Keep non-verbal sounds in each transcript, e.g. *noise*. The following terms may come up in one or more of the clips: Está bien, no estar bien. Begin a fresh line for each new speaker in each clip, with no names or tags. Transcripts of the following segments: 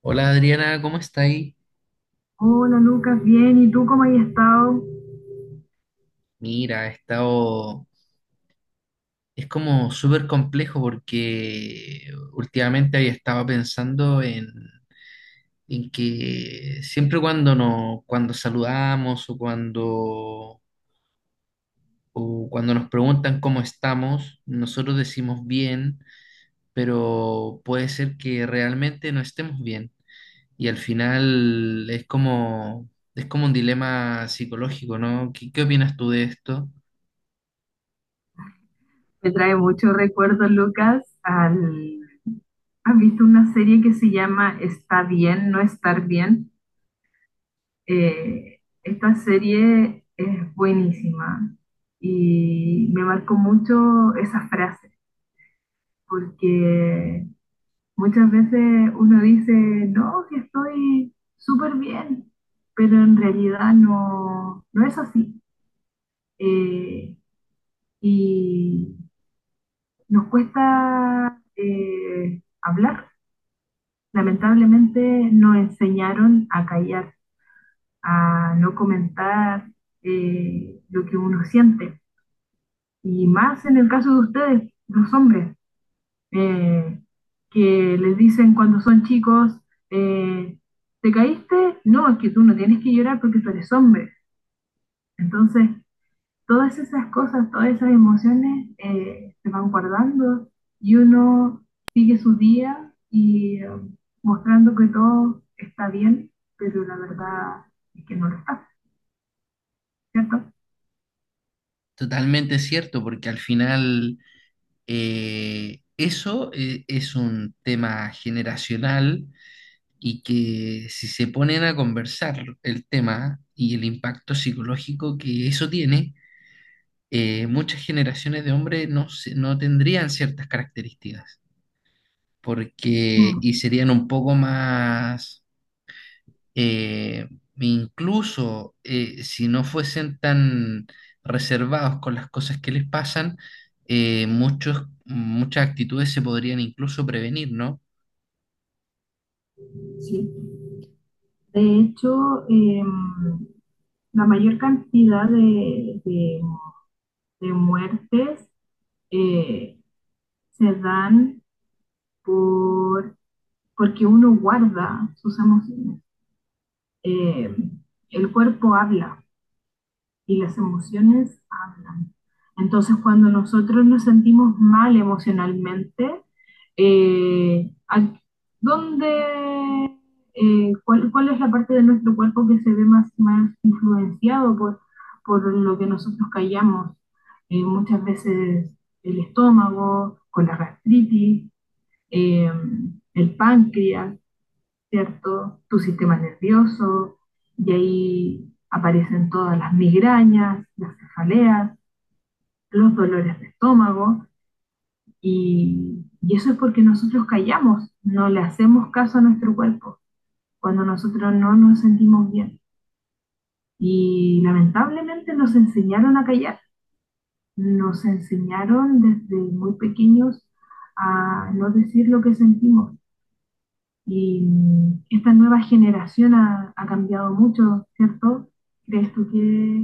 Hola Adriana, ¿cómo está ahí?
Hola Lucas, bien, ¿y tú cómo has estado?
Mira, he estado... Es como súper complejo porque últimamente había estado pensando en que siempre cuando, no, cuando saludamos o cuando nos preguntan cómo estamos, nosotros decimos bien, pero puede ser que realmente no estemos bien. Y al final es como un dilema psicológico, ¿no? ¿Qué opinas tú de esto?
Me trae muchos recuerdos, Lucas, al... ¿Has visto una serie que se llama Está bien, no estar bien? Esta serie es buenísima y me marcó mucho esa frase, porque muchas veces uno dice, no, que estoy súper bien, pero en realidad no, no es así. Eh, y nos cuesta hablar. Lamentablemente nos enseñaron a callar, a no comentar, lo que uno siente. Y más en el caso de ustedes, los hombres, eh, que les dicen cuando son chicos, eh, ¿te caíste? No, es que tú no tienes que llorar porque tú eres hombre. Entonces, todas esas cosas, todas esas emociones se van guardando y uno sigue su día y, mostrando que todo está bien, pero la verdad es que no lo está, ¿cierto?
Totalmente cierto, porque al final eso es un tema generacional, y que si se ponen a conversar el tema y el impacto psicológico que eso tiene, muchas generaciones de hombres no no tendrían ciertas características, porque
Mm.
y serían un poco más eh, incluso, si no fuesen tan reservados con las cosas que les pasan, muchas actitudes se podrían incluso prevenir, ¿no?
Sí. De hecho, la mayor cantidad de de muertes eh, se dan por, porque uno guarda sus emociones. Eh, el cuerpo habla y las emociones hablan. Entonces, cuando nosotros nos sentimos mal emocionalmente, eh, ¿dónde, cuál, cuál, es la parte de nuestro cuerpo que se ve más, más influenciado por lo que nosotros callamos? Muchas veces el estómago, con la gastritis, eh, el páncreas, ¿cierto? Tu sistema nervioso, y ahí aparecen todas las migrañas, las cefaleas, los dolores de estómago, y eso es porque nosotros callamos, no le hacemos caso a nuestro cuerpo cuando nosotros no nos sentimos bien. Y lamentablemente nos enseñaron a callar, nos enseñaron desde muy pequeños a no decir lo que sentimos. Y mm, esta nueva generación ha, ha cambiado mucho, ¿cierto? ¿Crees tú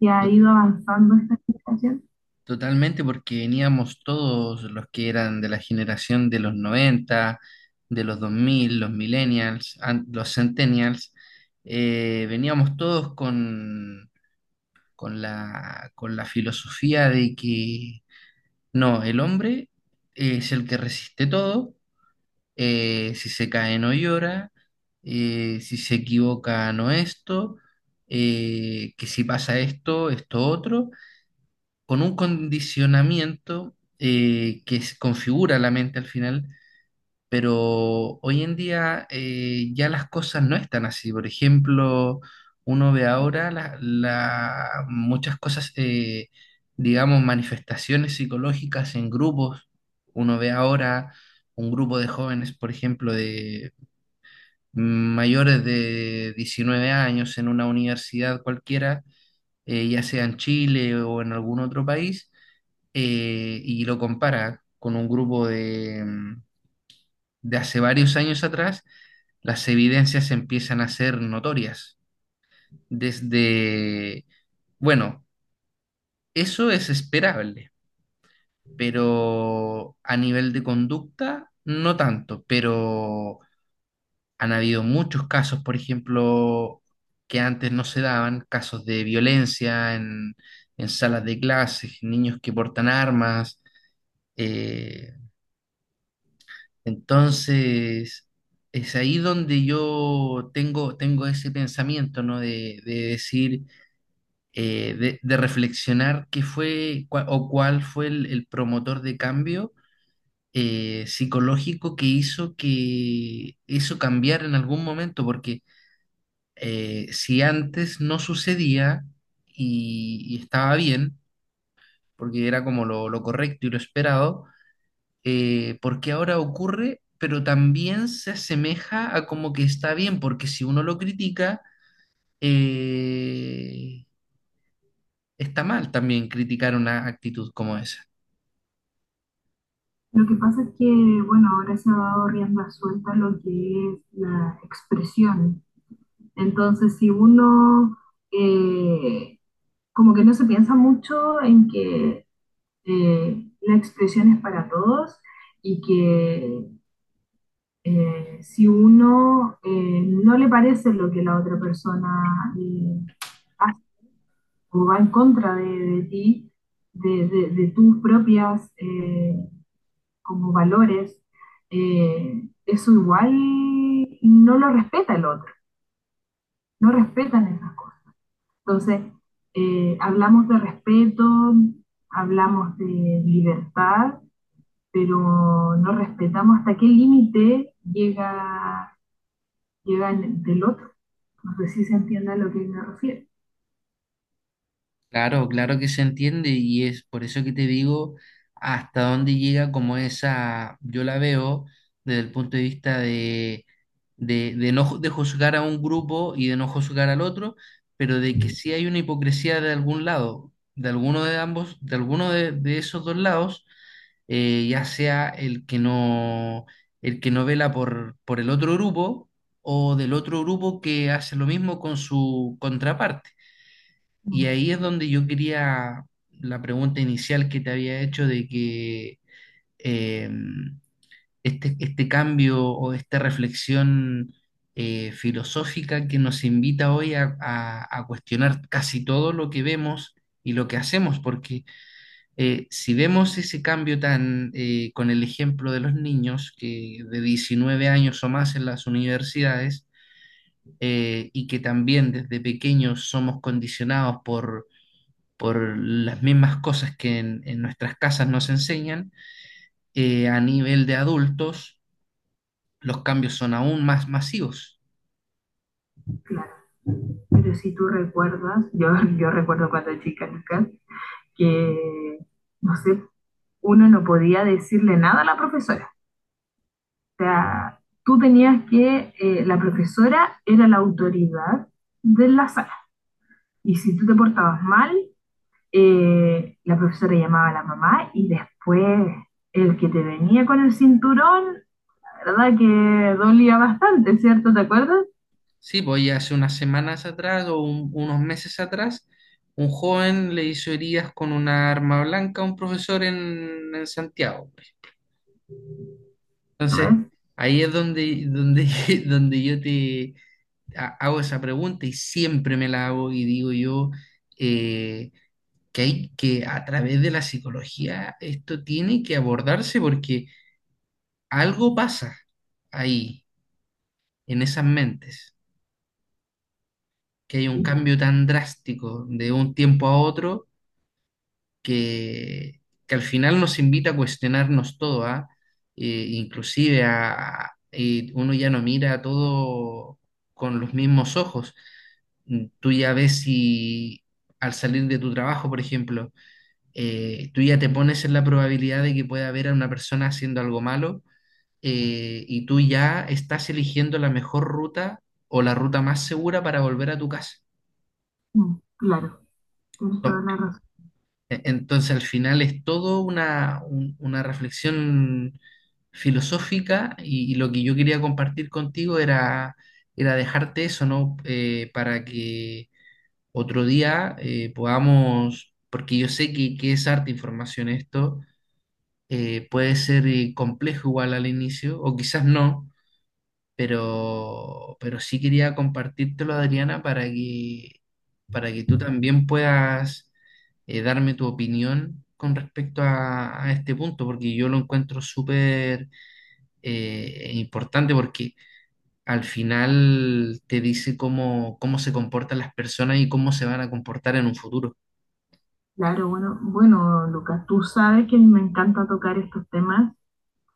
que ha
To-
ido avanzando esta generación?
Totalmente porque veníamos todos los que eran de la generación de los 90, de los 2000, los millennials, los centennials. Veníamos todos con la filosofía de que no, el hombre es el que resiste todo. Si se cae no llora. Si se equivoca no esto. Que si pasa esto, esto otro. Con un condicionamiento que se configura la mente al final, pero hoy en día, ya las cosas no están así. Por ejemplo, uno ve ahora muchas cosas, digamos, manifestaciones psicológicas en grupos. Uno ve ahora un grupo de jóvenes, por ejemplo, de mayores de 19 años en una universidad cualquiera, ya sea en Chile o en algún otro país, y lo compara con un grupo de de hace varios años atrás; las evidencias empiezan a ser notorias. Desde, bueno, eso es esperable, pero a nivel de conducta no tanto, pero han habido muchos casos, por ejemplo, que antes no se daban, casos de violencia en salas de clases, niños que portan armas. eh, entonces Es ahí donde yo tengo ese pensamiento, ¿no? De decir, de reflexionar qué fue cua- o cuál fue el promotor de cambio psicológico, que hizo cambiar en algún momento, porque si antes no sucedía y estaba bien, porque era como lo correcto y lo esperado, ¿por qué ahora ocurre? Pero también se asemeja a como que está bien, porque si uno lo critica, eh, está mal también criticar una actitud como esa.
Lo que pasa es que, bueno, ahora se ha dado rienda suelta a lo que es la expresión. Entonces, si uno, eh, como que no se piensa mucho en que, la expresión es para todos y que, si uno, no le parece lo que la otra persona hace o va en contra de ti, de de tus propias, como valores, eso igual no lo respeta el otro, no respetan esas cosas. Entonces, hablamos de respeto, hablamos de libertad, pero no respetamos hasta qué límite llega, llega en- del otro. No sé si se entiende a lo que me refiero.
Claro, claro que se entiende, y es por eso que te digo hasta dónde llega como esa. Yo la veo desde el punto de vista de no ju- de juzgar a un grupo y de no juzgar al otro, pero de que sí hay una hipocresía de algún lado, de alguno de ambos, de alguno de esos dos lados, ya sea el que no vela por el otro grupo, o del otro grupo que hace lo mismo con su contraparte. Y ahí
Mm.
es donde yo quería la pregunta inicial que te había hecho, de que eh, este cambio o esta reflexión filosófica que nos invita hoy a cuestionar casi todo lo que vemos y lo que hacemos, porque si vemos ese cambio tan con el ejemplo de los niños que de 19 años o más en las universidades, y que también desde pequeños somos condicionados por las mismas cosas que en nuestras casas nos enseñan, a nivel de adultos los cambios son aún más masivos.
Claro, pero si tú recuerdas, yo recuerdo cuando chica, Lucas, que, no sé, uno no podía decirle nada a la profesora. O sea, tú tenías que, la profesora era la autoridad de la sala. Y si tú te portabas mal, la profesora llamaba a la mamá y después el que te venía con el cinturón, la verdad que dolía bastante, ¿cierto? ¿Te acuerdas?
Sí, pues ya hace unas semanas atrás o unos meses atrás, un joven le hizo heridas con una arma blanca a un profesor en Santiago, pues.
¿Lo
Entonces,
ves?
ahí es donde, donde, *laughs* donde yo te hago esa pregunta y siempre me la hago y digo yo, eh, que hay que, a través de la psicología, esto tiene que abordarse, porque algo pasa ahí, en esas mentes, que hay un
Sí.
cambio tan drástico de un tiempo a otro, que, que al final nos invita a cuestionarnos todo, ¿ah? Inclusive uno ya no mira todo con los mismos ojos. Mm. Tú ya ves, si al salir de tu trabajo, por ejemplo, tú ya te pones en la probabilidad de que pueda haber a una persona haciendo algo malo, y tú ya estás eligiendo la mejor ruta o la ruta más segura para volver a tu casa.
Mm. Claro, tienes toda
Tom-
la razón.
e- Entonces al final es todo una reflexión filosófica, y lo que yo quería compartir contigo era era dejarte eso, ¿no? Para que otro día podamos, porque yo sé que es harta información esto. Puede ser complejo igual al inicio, o quizás no, pero sí quería compartírtelo, Adriana, para que tú también puedas darme tu opinión con respecto a este punto, porque yo lo encuentro súper importante, porque al final te dice cómo, cómo se comportan las personas y cómo se van a comportar en un futuro.
Claro, bueno, bueno, Lucas, tú sabes que me encanta tocar estos temas.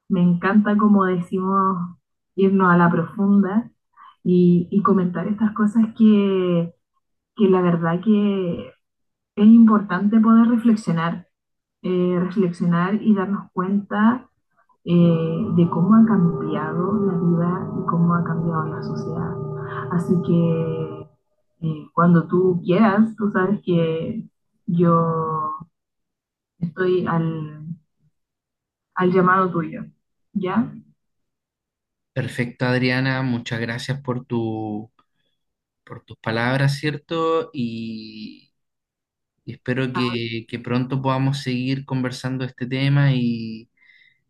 Me encanta, como decimos, irnos a la profunda y comentar estas cosas que la verdad que es importante poder reflexionar, reflexionar y darnos cuenta, de cómo ha cambiado la vida y cómo ha cambiado la sociedad. Así que, cuando tú quieras, tú sabes que yo estoy al, al llamado tuyo, ¿ya?
Perfecto, Adriana, muchas gracias por tu por tus palabras, ¿cierto? Y espero que pronto podamos seguir conversando este tema, y,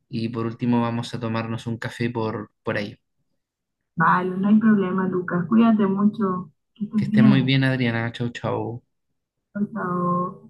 y por último vamos a tomarnos un café por ahí.
Vale, no hay problema, Lucas. Cuídate mucho. Que estés
Que estés muy
bien.
bien, Adriana. Chau, chau.
Por favor.